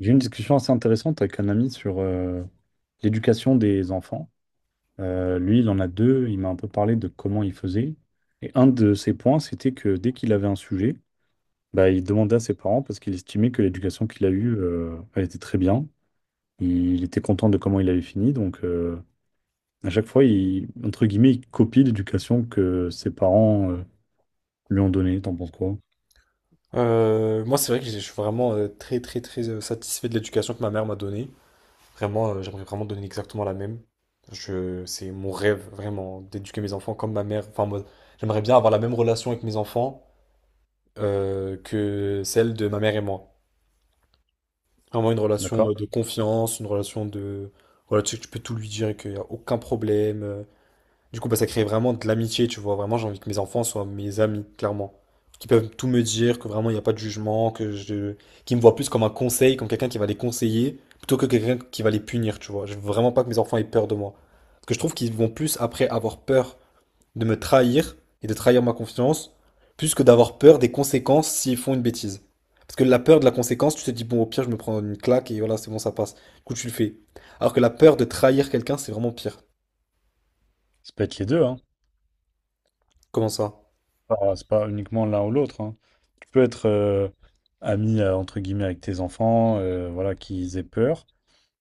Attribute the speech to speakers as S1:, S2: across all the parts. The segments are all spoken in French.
S1: J'ai eu une discussion assez intéressante avec un ami sur l'éducation des enfants. Lui, il en a deux. Il m'a un peu parlé de comment il faisait. Et un de ses points, c'était que dès qu'il avait un sujet, bah, il demandait à ses parents parce qu'il estimait que l'éducation qu'il a eue, elle était très bien. Il était content de comment il avait fini. Donc, à chaque fois, il, entre guillemets, il copie l'éducation que ses parents, lui ont donnée. T'en penses quoi?
S2: Moi, c'est vrai que je suis vraiment très, très, très satisfait de l'éducation que ma mère m'a donnée. Vraiment, j'aimerais vraiment donner exactement la même. C'est mon rêve, vraiment, d'éduquer mes enfants comme ma mère. Enfin, moi, j'aimerais bien avoir la même relation avec mes enfants que celle de ma mère et moi. Vraiment une relation
S1: D'accord.
S2: de confiance, une relation de... Voilà, tu sais que tu peux tout lui dire et qu'il n'y a aucun problème. Du coup, bah, ça crée vraiment de l'amitié, tu vois. Vraiment, j'ai envie que mes enfants soient mes amis, clairement. Qui peuvent tout me dire, que vraiment, il n'y a pas de jugement, que je... qui me voient plus comme un conseil, comme quelqu'un qui va les conseiller, plutôt que quelqu'un qui va les punir, tu vois. Je veux vraiment pas que mes enfants aient peur de moi. Parce que je trouve qu'ils vont plus, après avoir peur de me trahir et de trahir ma confiance, plus que d'avoir peur des conséquences s'ils font une bêtise. Parce que la peur de la conséquence, tu te dis, bon, au pire, je me prends une claque et voilà, c'est bon, ça passe. Du coup, tu le fais. Alors que la peur de trahir quelqu'un, c'est vraiment pire.
S1: Ça peut être les deux, hein.
S2: Comment ça?
S1: pas, C'est pas uniquement l'un ou l'autre, hein. Tu peux être ami entre guillemets avec tes enfants, voilà, qu'ils aient peur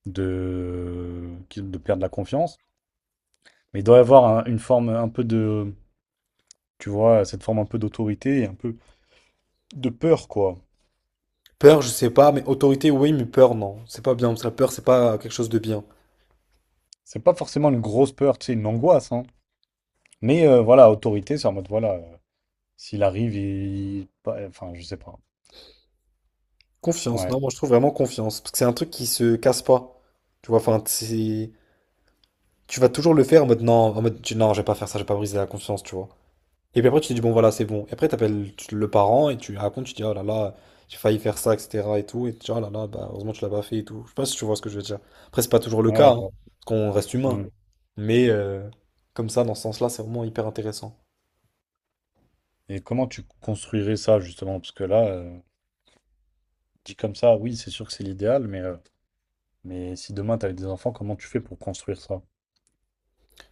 S1: de, de perdre la confiance. Mais il doit y avoir une forme un peu de, tu vois, cette forme un peu d'autorité et un peu de peur, quoi.
S2: Peur, je sais pas, mais autorité, oui, mais peur, non. C'est pas bien, parce que la peur, c'est pas quelque chose de bien.
S1: C'est pas forcément une grosse peur, tu sais, une angoisse, hein. Mais voilà, autorité, c'est en mode, voilà, s'il arrive, il... pas- enfin, je sais pas.
S2: Confiance, non,
S1: Ouais,
S2: moi je trouve vraiment confiance, parce que c'est un truc qui se casse pas. Tu vois, enfin, c'est... Tu vas toujours le faire en mode non, en mode non, je vais pas faire ça, je vais pas briser la confiance, tu vois. Et puis après, tu te dis bon, voilà, c'est bon. Et après, t'appelles le parent et tu lui racontes, tu dis oh là là, j'ai failli faire ça, etc. et tout. Et tu dis oh là là, bah, heureusement, tu l'as pas fait et tout. Je sais pas si tu vois ce que je veux dire. Après, c'est pas toujours le cas,
S1: ouais, je
S2: hein,
S1: vois.
S2: parce qu'on reste humain.
S1: Mm.
S2: Mais comme ça, dans ce sens-là, c'est vraiment hyper intéressant.
S1: Et comment tu construirais ça, justement? Parce que là, dit comme ça, oui, c'est sûr que c'est l'idéal, mais si demain t'avais des enfants, comment tu fais pour construire ça?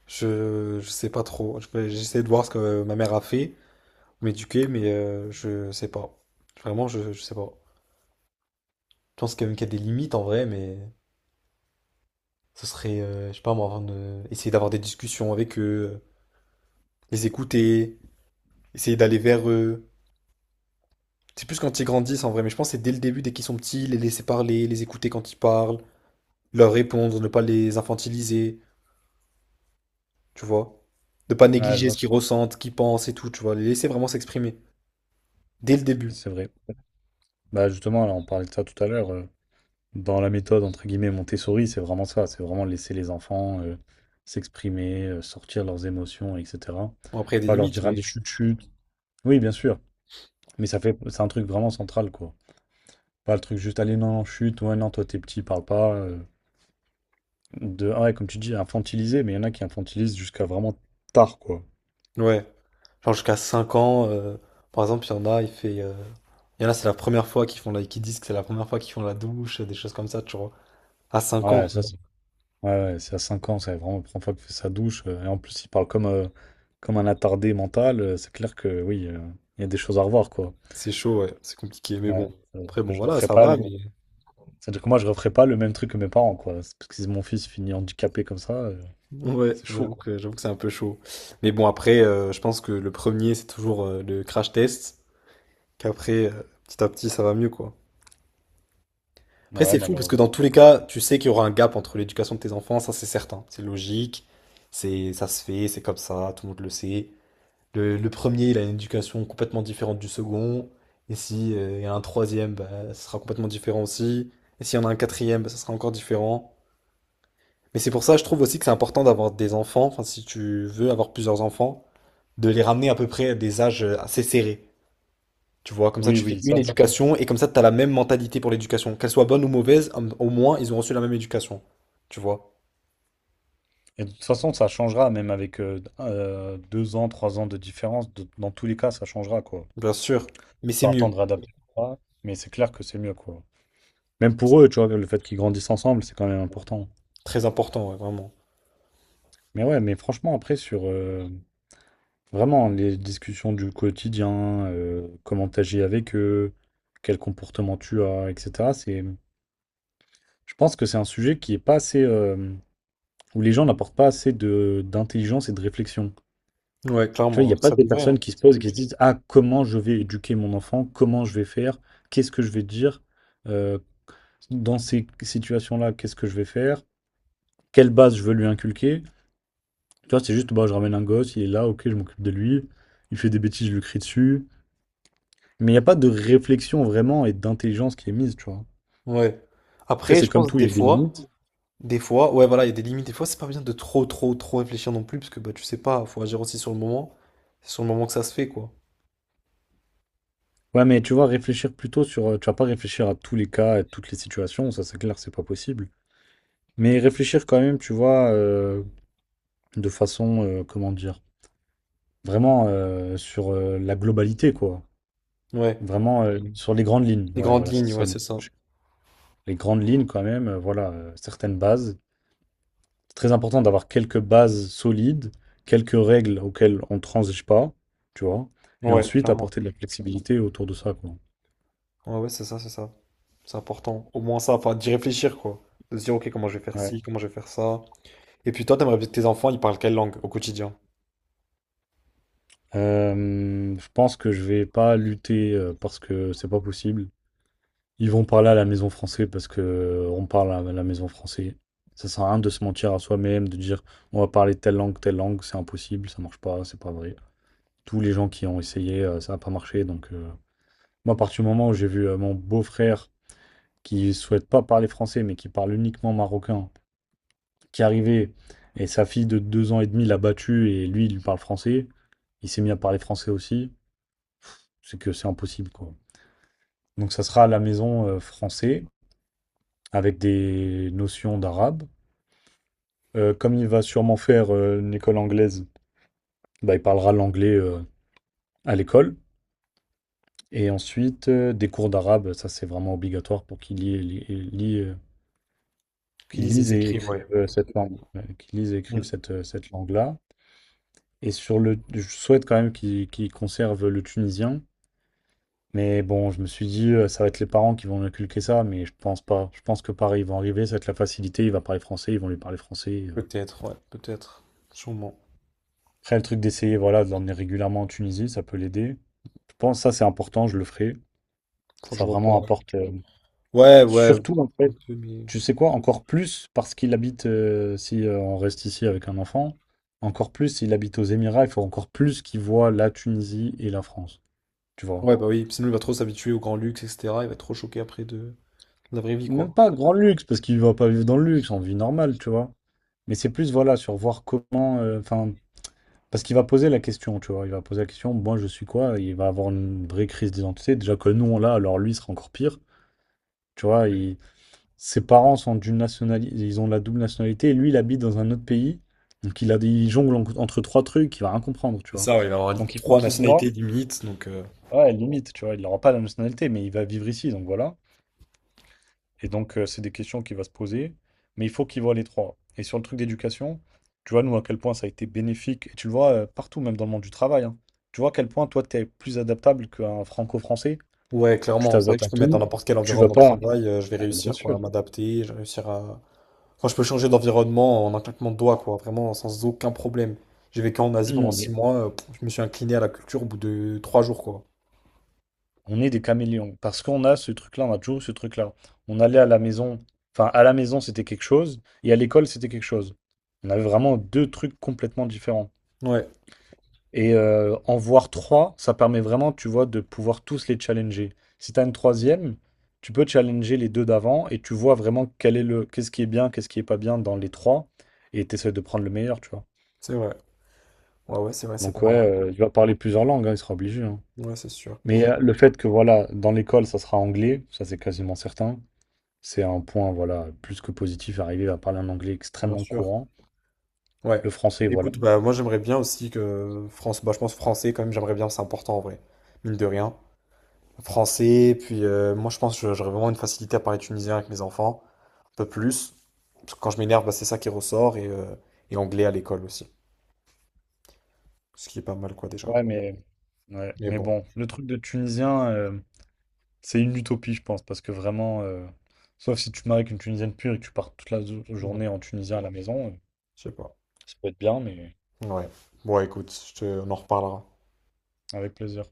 S2: Je sais pas trop. J'essaie de voir ce que ma mère a fait, m'éduquer, mais je sais pas. Vraiment, je sais pas. Je pense quand même qu'il y a des limites en vrai, mais ce serait, je sais pas moi, essayer d'avoir des discussions avec eux, les écouter, essayer d'aller vers eux. C'est plus quand ils grandissent en vrai, mais je pense que c'est dès le début, dès qu'ils sont petits, les laisser parler, les écouter quand ils parlent, leur répondre, ne pas les infantiliser, tu vois. Ne pas
S1: Ah, je
S2: négliger
S1: vois
S2: ce
S1: ce
S2: qu'ils
S1: que
S2: ressentent, ce qu'ils pensent et tout, tu vois. Les laisser vraiment s'exprimer. Dès le début.
S1: c'est vrai. Bah justement, là, on parlait de ça tout à l'heure. Dans la méthode entre guillemets Montessori, c'est vraiment ça. C'est vraiment laisser les enfants s'exprimer, sortir leurs émotions, etc.
S2: Bon, après, il y a des
S1: Pas leur
S2: limites,
S1: dire allez
S2: mais.
S1: chute chute. Oui, bien sûr. Mais c'est un truc vraiment central, quoi. Pas le truc juste allez non non chute. Ouais, non, toi t'es petit, parle pas. De ah ouais Comme tu dis infantiliser, mais il y en a qui infantilisent jusqu'à vraiment tard, quoi.
S2: Ouais. Genre jusqu'à 5 ans, par exemple, il y en a, il fait. Il y en a, c'est la première fois qu'ils font la... qu'ils disent que c'est la première fois qu'ils font la douche, des choses comme ça, tu vois. À 5 ans,
S1: Ouais
S2: quoi.
S1: ça c'est Ouais, ouais, c'est à 5 ans, c'est vraiment la première fois qu'il fait sa douche. Et en plus, il parle comme un attardé mental. C'est clair que oui, il y a des choses à revoir, quoi.
S2: C'est chaud, ouais, c'est compliqué, mais
S1: Ouais,
S2: bon. Après, bon,
S1: je
S2: voilà,
S1: referai
S2: ça
S1: pas
S2: va,
S1: le...
S2: mais.
S1: C'est-à-dire que moi, je referai pas le même truc que mes parents, quoi. C'est Parce que si mon fils finit handicapé comme ça,
S2: Ouais,
S1: c'est chaud, quoi.
S2: j'avoue que c'est un peu chaud. Mais bon, après, je pense que le premier, c'est toujours le crash test, qu'après, petit à petit, ça va mieux, quoi. Après,
S1: Ouais,
S2: c'est fou, parce que dans
S1: malheureusement.
S2: tous les cas, tu sais qu'il y aura un gap entre l'éducation de tes enfants, ça, c'est certain. C'est logique, c'est, ça se fait, c'est comme ça, tout le monde le sait. Le premier, il a une éducation complètement différente du second. Et si, il y a un troisième, bah, ce sera complètement différent aussi. Et s'il y en a un quatrième, bah, ça sera encore différent. Mais c'est pour ça, je trouve aussi que c'est important d'avoir des enfants, enfin, si tu veux avoir plusieurs enfants, de les ramener à peu près à des âges assez serrés. Tu vois, comme ça,
S1: Oui,
S2: tu fais
S1: oui,
S2: une
S1: ça.
S2: éducation et comme ça, tu as la même mentalité pour l'éducation. Qu'elle soit bonne ou mauvaise, au moins, ils ont reçu la même éducation. Tu vois,
S1: Et de toute façon, ça changera, même avec 2 ans, 3 ans de différence. Dans tous les cas, ça changera, quoi.
S2: bien sûr. Mais c'est
S1: Faut
S2: mieux.
S1: attendre adapter, mais c'est clair que c'est mieux, quoi. Même pour eux, tu vois, le fait qu'ils grandissent ensemble, c'est quand même important.
S2: Très important, ouais, vraiment.
S1: Mais ouais, mais franchement, après, sur vraiment les discussions du quotidien, comment t'agis avec eux, quel comportement tu as, etc., c'est, je pense que c'est un sujet qui est pas assez, où les gens n'apportent pas assez d'intelligence et de réflexion.
S2: Ouais,
S1: Tu vois, il
S2: clairement,
S1: n'y a pas
S2: ça
S1: des
S2: devrait, hein.
S1: personnes qui se posent et qui se disent, ah, comment je vais éduquer mon enfant, comment je vais faire, qu'est-ce que je vais dire, euh, dans ces situations-là, qu'est-ce que je vais faire, quelle base je veux lui inculquer. Tu vois, c'est juste, bah, je ramène un gosse, il est là, ok, je m'occupe de lui. Il fait des bêtises, je lui crie dessus. Mais il n'y a pas de réflexion vraiment et d'intelligence qui est mise, tu vois.
S2: Ouais.
S1: Après,
S2: Après,
S1: c'est
S2: je
S1: comme
S2: pense
S1: tout,
S2: des
S1: il y a des
S2: fois.
S1: limites.
S2: Des fois, ouais, voilà, il y a des limites. Des fois, c'est pas bien de trop, trop, trop réfléchir non plus, parce que bah, tu sais pas, faut agir aussi sur le moment. C'est sur le moment que ça se fait, quoi.
S1: Ouais, mais tu vois, réfléchir plutôt sur. Tu vas pas réfléchir à tous les cas, à toutes les situations, ça c'est clair, c'est pas possible. Mais réfléchir quand même, tu vois, de façon, comment dire, vraiment sur la globalité, quoi.
S2: Ouais,
S1: Vraiment sur les grandes lignes.
S2: les
S1: Ouais,
S2: grandes
S1: voilà, c'est
S2: lignes,
S1: ça
S2: ouais,
S1: le mot.
S2: c'est ça.
S1: Les grandes lignes quand même, voilà, certaines bases. C'est très important d'avoir quelques bases solides, quelques règles auxquelles on ne transige pas, tu vois, et
S2: Ouais,
S1: ensuite
S2: clairement.
S1: apporter de la flexibilité autour de ça, quoi.
S2: Ouais, ouais, c'est ça, c'est ça. C'est important. Au moins ça, enfin, d'y réfléchir, quoi. De se dire, ok, comment je vais faire
S1: Ouais.
S2: ci, comment je vais faire ça. Et puis toi, t'aimerais bien que tes enfants, ils parlent quelle langue au quotidien?
S1: Je pense que je vais pas lutter, parce que c'est pas possible. Ils vont parler à la maison française parce que on parle à la maison française. Ça sert à rien de se mentir à soi-même, de dire on va parler telle langue, c'est impossible, ça marche pas, c'est pas vrai. Tous les gens qui ont essayé, ça n'a pas marché. Donc, moi, à partir du moment où j'ai vu mon beau-frère qui ne souhaite pas parler français, mais qui parle uniquement marocain, qui est arrivé et sa fille de 2 ans et demi l'a battu et lui, il lui parle français. Il s'est mis à parler français aussi. C'est que c'est impossible, quoi. Donc ça sera à la maison français avec des notions d'arabe. Comme il va sûrement faire une école anglaise, bah, il parlera l'anglais à l'école. Et ensuite, des cours d'arabe, ça c'est vraiment obligatoire pour qu'il y ait- li- lit, qu'il
S2: Ils,
S1: lise
S2: ils
S1: et
S2: écrivent, ouais.
S1: écrive cette langue, ouais, qu'il lise et écrive
S2: Mm.
S1: cette langue-là. Et je souhaite quand même qu'ils conservent le tunisien. Mais bon, je me suis dit, ça va être les parents qui vont lui inculquer ça, mais je pense pas. Je pense que pareil, ils vont arriver, ça va être la facilité, il va parler français, ils vont lui parler français.
S2: Peut-être, ouais, peut-être. Sûrement.
S1: Après, le truc d'essayer, voilà, de l'emmener régulièrement en Tunisie, ça peut l'aider. Je pense que ça, c'est important, je le ferai.
S2: Enfin, je
S1: Ça
S2: vois pas.
S1: vraiment apporte.
S2: Ouais, ouais.
S1: Surtout, en
S2: Un
S1: fait,
S2: peu, mais.
S1: tu sais quoi, encore plus, parce qu'il habite, si on reste ici avec un enfant, encore plus, s'il habite aux Émirats, il faut encore plus qu'il voit la Tunisie et la France. Tu vois.
S2: Ouais, bah oui, sinon il va trop s'habituer au grand luxe, etc. Il va être trop choqué après de la vraie vie,
S1: Même
S2: quoi.
S1: pas grand luxe, parce qu'il va pas vivre dans le luxe, en vie normale, tu vois. Mais c'est plus, voilà, sur voir comment. Enfin, parce qu'il va poser la question, tu vois. Il va poser la question, moi, je suis quoi? Il va avoir une vraie crise d'identité. Déjà que nous, on l'a, alors lui, il sera encore pire. Tu vois, ses parents sont d'une nationalité, ils ont la double nationalité, et lui, il habite dans un autre pays. Donc, il jongle entre trois trucs, il va rien comprendre, tu
S2: C'est
S1: vois.
S2: ça, ouais, il va avoir
S1: Donc, il faut
S2: trois
S1: qu'il
S2: nationalités
S1: voit,
S2: limites. Donc,
S1: ouais, limite, tu vois. Il n'aura pas la nationalité, mais il va vivre ici, donc voilà. Et donc, c'est des questions qu'il va se poser, mais il faut qu'il voit les trois. Et sur le truc d'éducation, tu vois, nous, à quel point ça a été bénéfique, et tu le vois partout, même dans le monde du travail, hein. Tu vois à quel point toi, tu es plus adaptable qu'un franco-français.
S2: ouais,
S1: Tu
S2: clairement, c'est vrai
S1: t'adaptes
S2: que
S1: à
S2: je peux me mettre dans
S1: tout,
S2: n'importe quel
S1: tu vas
S2: environnement de
S1: pas.
S2: travail, je vais
S1: Ah, bien
S2: réussir quoi,
S1: sûr.
S2: à m'adapter, je vais réussir à. Enfin, je peux changer d'environnement en un claquement de doigts, quoi, vraiment sans aucun problème. J'ai vécu en Asie pendant
S1: Non,
S2: six
S1: mais
S2: mois, pff, je me suis incliné à la culture au bout de 3 jours, quoi.
S1: on est des caméléons, parce qu'on a ce truc-là, on a toujours eu ce truc-là. On allait à la maison, enfin, à la maison, c'était quelque chose, et à l'école, c'était quelque chose. On avait vraiment deux trucs complètement différents.
S2: Ouais,
S1: Et en voir trois, ça permet vraiment, tu vois, de pouvoir tous les challenger. Si tu as une troisième, tu peux challenger les deux d'avant et tu vois vraiment quel est le, qu'est-ce qui est bien, qu'est-ce qui est pas bien dans les trois et tu essaies de prendre le meilleur, tu vois.
S2: c'est vrai. Ouais, ouais, c'est vrai, c'est
S1: Donc
S2: pas
S1: ouais,
S2: mal.
S1: il va parler plusieurs langues, hein, il sera obligé, hein.
S2: Ouais, c'est sûr.
S1: Mais le fait que, voilà, dans l'école, ça sera anglais, ça c'est quasiment certain. C'est un point, voilà, plus que positif. Arriver à parler un anglais
S2: Bien
S1: extrêmement
S2: sûr.
S1: courant.
S2: Ouais.
S1: Le français, voilà.
S2: Écoute, bah moi j'aimerais bien aussi que France, bah je pense français quand même, j'aimerais bien, c'est important en vrai. Mine de rien. Français. Puis moi, je pense que j'aurais vraiment une facilité à parler tunisien avec mes enfants, un peu plus. Parce que quand je m'énerve, bah, c'est ça qui ressort. Et anglais à l'école aussi. Ce qui est pas mal, quoi, déjà.
S1: Ouais, mais, ouais,
S2: Mais
S1: mais
S2: bon,
S1: bon, le truc de Tunisien, c'est une utopie, je pense, parce que vraiment, sauf si tu te maries avec une Tunisienne pure et que tu pars toute la
S2: ouais,
S1: journée en Tunisien à la maison,
S2: je sais pas.
S1: ça peut être bien, mais
S2: Ouais. Bon, écoute, on en reparlera.
S1: avec plaisir.